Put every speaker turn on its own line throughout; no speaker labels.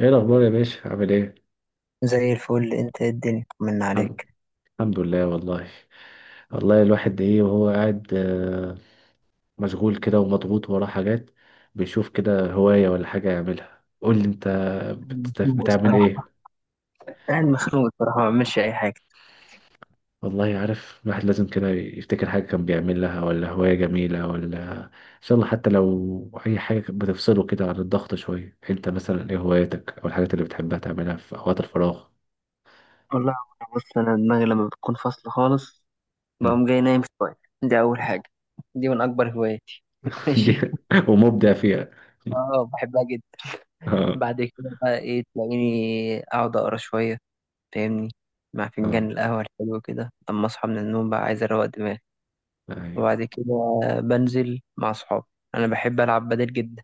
ايه الاخبار يا باشا، عامل ايه؟
زي الفل، انت ايه؟ الدنيا من
الحمد
عليك.
الحمد لله والله. والله الواحد ايه وهو قاعد، مشغول كده ومضغوط وراه حاجات، بيشوف كده هواية ولا حاجة يعملها. قول لي انت،
مخنوق
بتعمل
الصراحة.
ايه؟
قاعد مخنوق الصراحة، ما بعملش أي حاجة.
والله عارف، الواحد لازم كده يفتكر حاجة كان بيعملها ولا هواية جميلة، ولا ان شاء الله حتى لو اي حاجة كانت بتفصله كده عن الضغط شوية. انت مثلا ايه هواياتك او الحاجات اللي بتحبها تعملها في اوقات الفراغ؟
والله أنا، بص، أنا دماغي لما بتكون فاصلة خالص بقوم جاي نايم شوية. دي أول حاجة. دي من أكبر هواياتي.
دي،
ماشي.
ومبدع فيها
أه، بحبها جدا.
اه،
بعد كده بقى إيه؟ تلاقيني أقعد أقرا شوية، فاهمني، مع
اه،
فنجان القهوة الحلو كده، لما أصحى من النوم بقى عايز أروق دماغي.
ايوه،
وبعد كده بنزل مع صحابي. أنا بحب ألعب بدل جدا،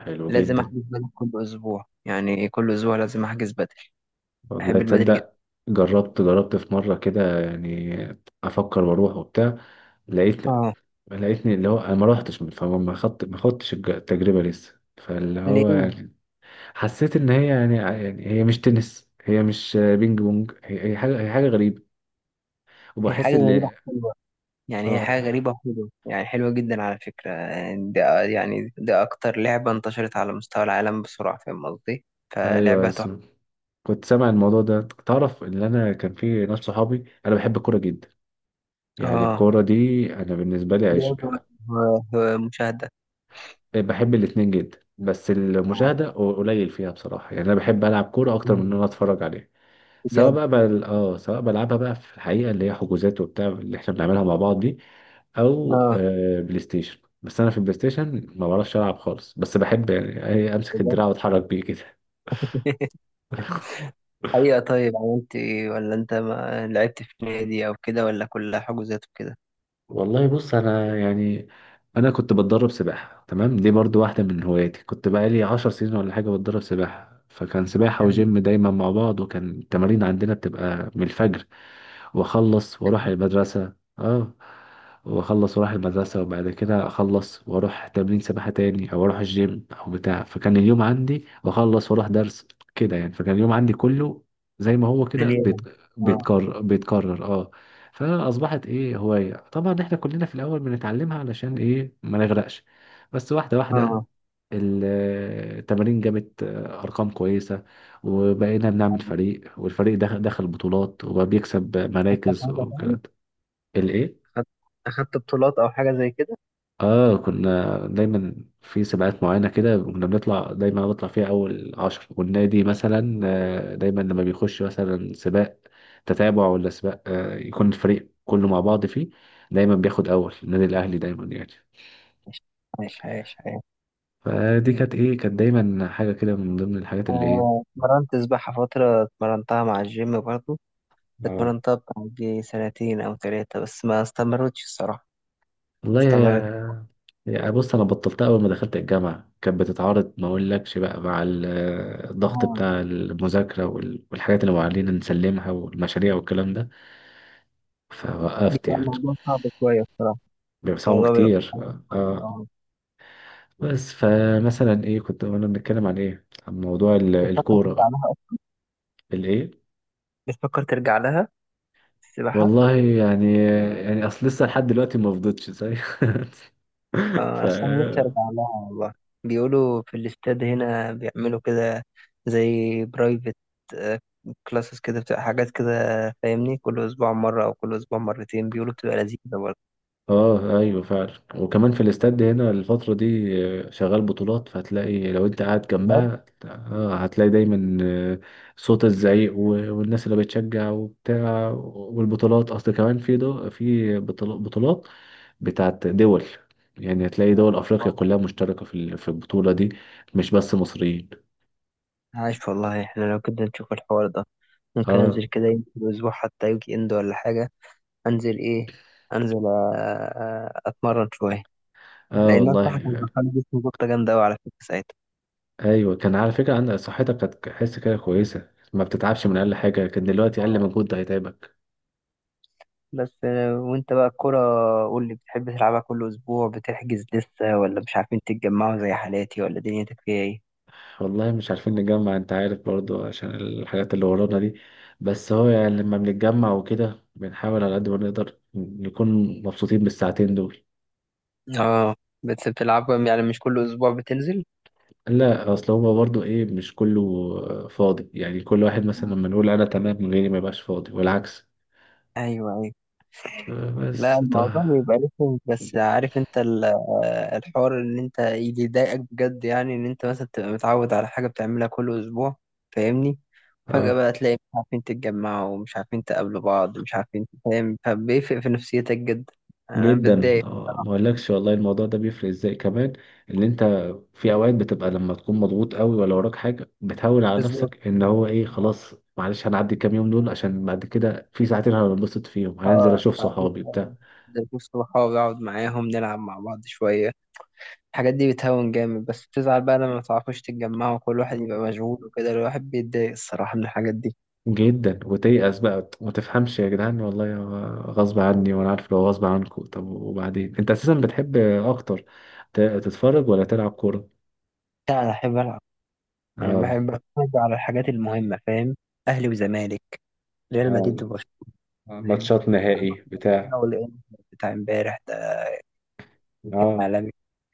حلو
لازم
جدا.
أحجز بدل كل أسبوع، يعني كل أسبوع لازم أحجز بدل.
والله
بحب البدل جدا.
تصدق، جربت في مره كده يعني، افكر واروح وبتاع. لقيت
اه.
لقيتني اللي هو انا ما روحتش، فما ما خدت ما خدتش التجربه لسه، فاللي هو
ليه؟
يعني حسيت ان هي يعني هي مش تنس، هي مش بينج بونج، هي حاجه هي حاجه غريبه،
هي
وبحس
حاجة غريبة
ان
حلوة، يعني هي حاجة
اه،
غريبة حلوة، يعني حلوة جدا على فكرة. يعني ده، يعني ده أكتر لعبة انتشرت على مستوى العالم بسرعة، فاهم قصدي؟
ايوه.
فلعبة تحفة.
كنت سامع الموضوع ده. تعرف ان انا كان في ناس صحابي، انا بحب الكوره جدا، يعني
اه.
الكوره دي انا بالنسبه لي
لعبة
عشق.
و- ومشاهدة.
بحب الاتنين جدا، بس
اه،
المشاهدة قليل فيها، بصراحة يعني أنا بحب ألعب كورة أكتر من إن أنا أتفرج عليها. سواء
بجد.
بقى بل... آه سواء بلعبها بقى في الحقيقة، اللي هي حجوزات وبتاع اللي إحنا بنعملها مع بعض دي، أو
اه،
بلاي ستيشن. بس أنا في البلاي ستيشن ما بعرفش ألعب خالص، بس بحب يعني، أمسك
بجد.
الدراع وأتحرك بيه كده
حقيقة. طيب يعني انت، ولا انت ما لعبت في نادي او كده ولا كلها حجوزات وكده؟
والله بص انا يعني، انا كنت بتدرب سباحه، تمام، دي برضو واحده من هواياتي، كنت بقالي 10 سنين ولا حاجه بتدرب سباحه، فكان سباحه وجيم دايما مع بعض، وكان التمارين عندنا بتبقى من الفجر، واخلص واروح المدرسه، اه، واخلص واروح المدرسه، وبعد كده اخلص واروح تمرين سباحه تاني او اروح الجيم او بتاع، فكان اليوم عندي واخلص واروح درس كده يعني، فكان اليوم عندي كله زي ما هو كده
مليانة. اه.
بيتكرر، اه. فاصبحت ايه هوايه، طبعا احنا كلنا في الاول بنتعلمها علشان ايه، ما نغرقش، بس واحده واحده،
اه.
ال- التمارين جابت ارقام كويسه، وبقينا بنعمل فريق، والفريق ده دخل بطولات وبقى بيكسب
أخدت
مراكز
حاجة تاني؟
وكده. الايه؟
أخدت أخدت بطولات أو حاجة زي كده؟
اه، كنا دايما في سباقات معينة كده، كنا بنطلع دايما، أنا بطلع فيها أول عشر، والنادي مثلا، دايما لما بيخش مثلا سباق تتابع ولا سباق، يكون الفريق كله مع بعض فيه، دايما بياخد أول النادي الأهلي دايما يعني.
عايش، عايش، عايش، عايش.
فدي
مم.
كانت إيه، كانت دايما حاجة كده من ضمن الحاجات اللي إيه.
آه، اتمرنت سباحة فترة، اتمرنتها مع الجيم برضو،
اه
اتمرنتها بتاع دي سنتين أو ثلاثة بس ما استمرتش الصراحة. ما
والله
استمرت.
يا، بص انا بطلتها اول ما دخلت الجامعه، كانت بتتعارض ما اقولكش بقى مع الضغط
آه،
بتاع المذاكره والحاجات اللي معلنا نسلمها والمشاريع والكلام ده، فوقفت
بيبقى
يعني.
الموضوع صعب شوية الصراحة.
بيبقى صعب
الموضوع بيبقى
كتير، اه،
صعب.
آه.
آه.
بس فمثلا ايه، كنت وانا بنتكلم عن ايه، عن موضوع
بتفكر ترجع
الكورة.
لها أصلا؟
الايه؟
بتفكر ترجع لها السباحة؟
والله يعني، اصل لسه لحد دلوقتي ما فضتش زي ف
أصل أنا نفسي أرجع لها والله. بيقولوا في الاستاد هنا بيعملوا كده، زي برايفت كلاسز كده، بتبقى حاجات كده، فاهمني، كل أسبوع مرة أو كل أسبوع مرتين، بيقولوا بتبقى لذيذة برضه.
اه، ايوه فعلا. وكمان في الاستاد هنا الفترة دي، شغال بطولات، فهتلاقي لو انت قاعد
عايش
جنبها آه، هتلاقي دايما، صوت الزعيق والناس اللي بتشجع وبتاع، والبطولات اصل كمان في بطولات بتاعت دول، يعني هتلاقي دول افريقيا
والله.
كلها مشتركة في البطولة دي، مش بس مصريين.
عايش والله. إحنا لو كده نشوف الحوار ده ممكن
اه،
أنزل كده، يمكن أسبوع حتى يجي إند ولا حاجة. أنزل إيه؟ أنزل، أتمرن شوية،
اه
لأن أنا صح كان
والله،
دخل جسمي جبطة جامدة أوي على فكرة
ايوه كان على فكرة عندك صحتك كانت حس كده كويسة، ما بتتعبش من
ساعتها.
اقل حاجة، كان دلوقتي اقل مجهود ده هيتعبك.
بس وانت بقى الكرة، قول لي، بتحب تلعبها كل اسبوع؟ بتحجز لسه، ولا مش عارفين تتجمعوا زي حالاتي، ولا دنيتك فيها ايه؟
والله مش عارفين نجمع، انت عارف برضو عشان الحاجات اللي ورانا دي، بس هو يعني لما بنتجمع وكده بنحاول على قد ما نقدر نكون مبسوطين بالساعتين دول.
اه. بس بتلعبها يعني مش كل اسبوع بتنزل؟
لا، اصل هو برضو ايه مش كله فاضي، يعني كل واحد مثلا
مم.
لما نقول انا تمام غيري ما يبقاش فاضي، والعكس.
ايوه، ايوه. لا،
بس طه.
الموضوع بيبقى رخم، بس عارف انت الحوار، ان انت اللي يضايقك بجد يعني ان انت مثلا تبقى متعود على حاجة بتعملها كل اسبوع، فاهمني، فجأة
اه،
بقى تلاقي مش عارفين تتجمعوا ومش عارفين تقابلوا بعض، مش عارفين، فاهم؟ فبيفرق في نفسيتك جدا. انا
جدا،
بتضايق.
ما اقولكش والله الموضوع ده بيفرق ازاي كمان، اللي انت في اوقات بتبقى لما تكون مضغوط قوي ولا وراك حاجه، بتهون على نفسك ان هو ايه، خلاص معلش هنعدي الكام يوم دول عشان بعد كده في ساعتين هنبسط فيهم، هننزل
اه،
اشوف
اشوف
صحابي بتاع.
اشوف صحابي، اقعد معاهم، نلعب مع بعض شويه، الحاجات دي بتهون جامد. بس بتزعل بقى لما ما تعرفوش تتجمعوا، كل واحد يبقى
مم.
مشغول وكده، الواحد بيتضايق الصراحه من الحاجات دي.
جدا وتيأس بقى، ما تفهمش يا جدعان، والله غصب عني، وانا عارف لو غصب عنكم. طب وبعدين، انت اساسا بتحب اكتر تتفرج ولا تلعب كوره؟
لا، انا بحب العب. انا
اه،
بحب اتفرج على الحاجات المهمه، فاهم. اهلي وزمالك، ريال مدريد وبرشلونه.
ماتشات
أنا
نهائي
في برشلونة
بتاع.
والانتر بتاع امبارح ده.
اه،
عالمي.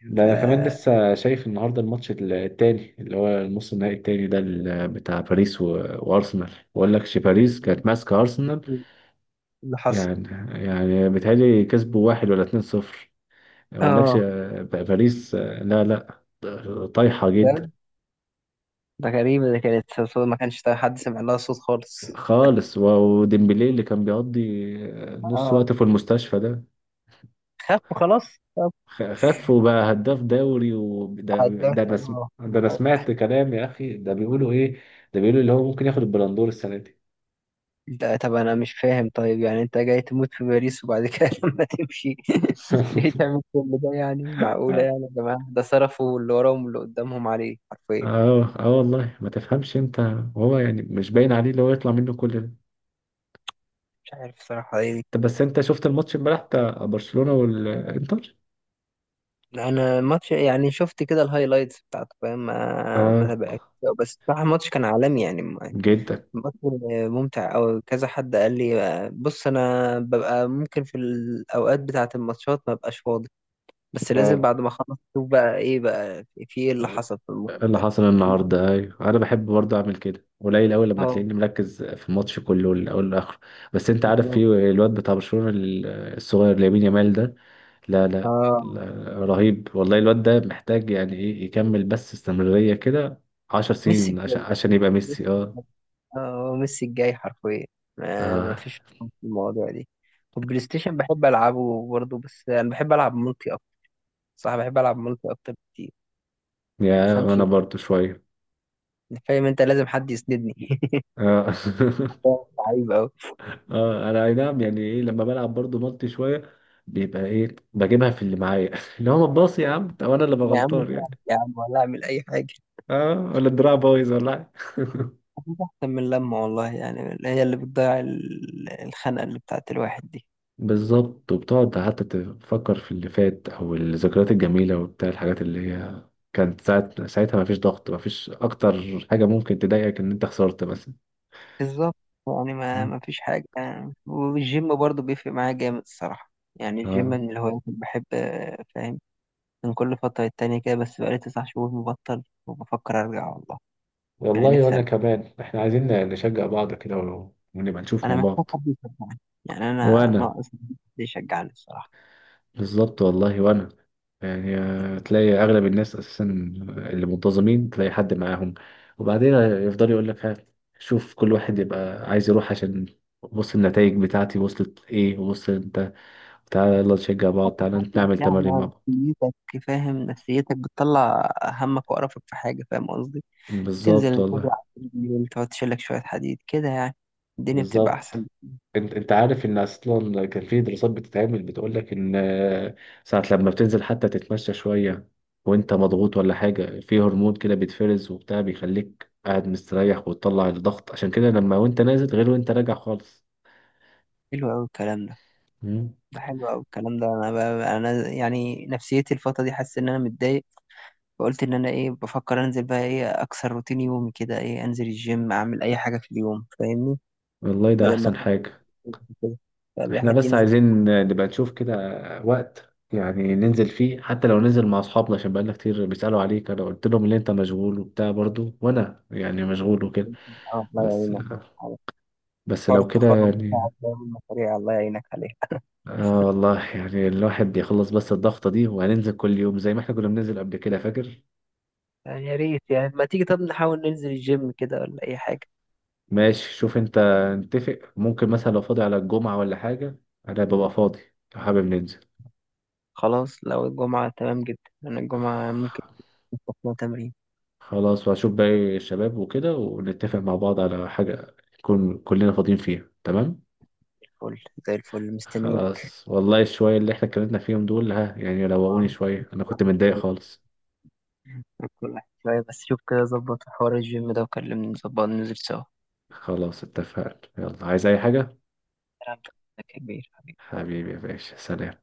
ده
ف
انا كمان لسه شايف النهارده الماتش التاني، اللي هو النص النهائي التاني ده، بتاع باريس وارسنال. بقول لك باريس كانت ماسكه ارسنال
اللي حصل.
يعني، بيتهيألي كسبوا واحد ولا اتنين صفر. ما اقولكش،
اه،
باريس، لا، لا، طايحه جدا
ده ده غريبة، ده كانت صوت ما كانش حد سمع لها صوت خالص.
خالص، وديمبلي اللي كان بيقضي، نص
اه،
وقته في المستشفى ده،
خف خلاص طب.
خف وبقى هداف دوري، وده
عدى
ده انا سم-
خلاص.
ده انا سمعت كلام يا اخي، ده بيقولوا ايه، ده بيقولوا اللي هو ممكن ياخد البلندور السنه دي
لا، طب انا مش فاهم، طيب يعني انت جاي تموت في باريس وبعد كده لما تمشي جاي تعمل كل ده؟ يعني معقولة؟ يعني يا جماعة، ده صرفوا اللي وراهم واللي قدامهم عليه حرفيا.
اه، اه والله ما تفهمش انت، وهو يعني مش باين عليه اللي هو يطلع منه كل ده.
مش عارف صراحة ايه
طب بس
ده.
انت شفت الماتش امبارح بتاع برشلونة والانتر؟
انا الماتش يعني شفت كده الهايلايتس بتاعته، فاهم. ما
اه،
تابعتش. بس بصراحة الماتش كان عالمي، يعني
جدا.
الماتش ممتع أوي. كذا حد قال لي بص، انا ببقى ممكن في الاوقات بتاعة الماتشات ما ببقاش فاضي، بس لازم
اه،
بعد ما اخلص اشوف بقى ايه، بقى في ايه اللي حصل في الماتش
إيه اللي
ده.
حصل النهارده؟ ايوه انا بحب برضه اعمل كده، قليل قوي لما
اه،
تلاقيني مركز في الماتش كله من الاول للاخر. بس انت عارف في
بالظبط.
الواد بتاع برشلونة الصغير لامين يامال ده. لا، لا،
اه،
لا، رهيب والله الواد ده، محتاج يعني ايه يكمل بس استمرارية كده عشر
ميسي
سنين عشان
الجاي.
يبقى
ميسي
ميسي، اه.
الجاي. اه، ميسي الجاي حرفيا. ما
آه.
فيش في المواضيع دي. والبلاي ستيشن بحب العبه برضه، بس انا بحب العب ملتي اكتر. صح، بحب العب ملتي اكتر بكتير،
يا
تفهمش،
انا برضو شويه،
فاهم؟ انت لازم حد يسندني.
اه
عيب قوي.
انا اي نعم يعني ايه، لما بلعب برضو مالتي شويه بيبقى ايه بجيبها في اللي معايا اللي هو ما تباصي يا عم، طب انا اللي ببقى
يا عم
غلطان يعني.
ساعد، يا عم ولا اعمل اي حاجه.
اه، ولا الدراع بايظ ولا حاجه.
أكيد احسن، من لما والله يعني هي اللي بتضيع الخنقه اللي بتاعت الواحد دي.
بالظبط، وبتقعد حتى تفكر في اللي فات او الذكريات الجميله وبتاع، الحاجات اللي هي كانت ساعة ساعتها ما فيش ضغط، ما فيش اكتر حاجه ممكن تضايقك ان انت خسرت مثلا.
بالظبط. يعني ما فيش حاجة يعني. والجيم برضو بيفرق معايا جامد الصراحة، يعني الجيم
اه،
من الهوايات اللي بحب، فاهم، من كل فترة التانية كده، بس بقالي 9 شهور مبطل وبفكر أرجع والله. يعني
والله،
نفسي
وانا
أرجع.
كمان احنا عايزين نشجع بعض كده، ونبقى نشوف مع
أنا محتاج
بعض.
حد يشجعني، يعني أنا
وانا
ناقص حد يشجعني الصراحة.
بالظبط والله، وانا يعني، تلاقي اغلب الناس اساسا اللي منتظمين تلاقي حد معاهم، وبعدين يفضل يقول لك ها، شوف كل واحد يبقى عايز يروح عشان بص النتائج بتاعتي وصلت ايه، وصل انت، تعالى يلا نشجع بعض، تعالى
لك
نعمل
يعني
تمارين مع بعض.
نفسيتك، فاهم، نفسيتك بتطلع همك وقرفك في حاجة، فاهم قصدي؟
بالظبط
تنزل تجري
والله،
على التريدميل، تقعد تشيلك شوية حديد كده، يعني الدنيا بتبقى أحسن.
بالظبط. انت عارف ان اصلا كان في دراسات بتتعمل بتقول لك ان، ساعة لما بتنزل حتى تتمشى شوية وانت مضغوط ولا حاجة، في هرمون كده بيتفرز وبتاع، بيخليك قاعد مستريح وتطلع الضغط، عشان كده لما وانت نازل غير وانت راجع خالص.
حلو أوي الكلام ده.
مم.
ده حلو أوي الكلام ده. أنا بقى أنا يعني نفسيتي الفترة دي حاسس إن أنا متضايق. فقلت إن أنا إيه بفكر أنزل بقى، إيه، أكسر روتين يومي كده، إيه، أنزل الجيم، أعمل أي حاجة في اليوم، فاهمني،
والله ده
بدل ما
احسن
أكون
حاجة.
في كده.
احنا
فالواحد
بس
ينزل.
عايزين نبقى نشوف كده وقت يعني ننزل فيه، حتى لو ننزل مع اصحابنا، عشان بقالنا كتير بيسألوا عليك، انا قلت لهم ان انت مشغول وبتاع برضو، وانا يعني مشغول وكده.
الله
بس،
يعينك على حوار
لو كده
التخرج بتاعك
يعني.
ده والمشاريع، الله يعينك عليها.
اه والله يعني الواحد يخلص بس الضغطة دي، وهننزل كل يوم زي ما احنا كنا بننزل قبل كده فاكر.
يعني يا ريت، يعني ما تيجي طب نحاول ننزل الجيم كده ولا أي حاجة.
ماشي، شوف انت، نتفق ممكن مثلا لو فاضي على الجمعة ولا حاجة، انا ببقى فاضي لو حابب ننزل.
خلاص، لو الجمعة تمام جدا. أنا الجمعة ممكن نروح تمرين.
خلاص، وهشوف باقي الشباب وكده، ونتفق مع بعض على حاجة نكون كلنا فاضيين فيها تمام.
فل، زي الفل، مستنيك.
خلاص والله، الشوية اللي احنا اتكلمنا فيهم دول ها يعني روقوني
آه.
شوية، انا كنت متضايق خالص.
كل واحد شوية بس. شوف كده، ظبط حوار الجيم ده وكلمني، نظبط ننزل سوا.
خلاص اتفقنا، يلا عايز اي حاجة.
كلام كبير.
حبيبي يا باشا، سلام.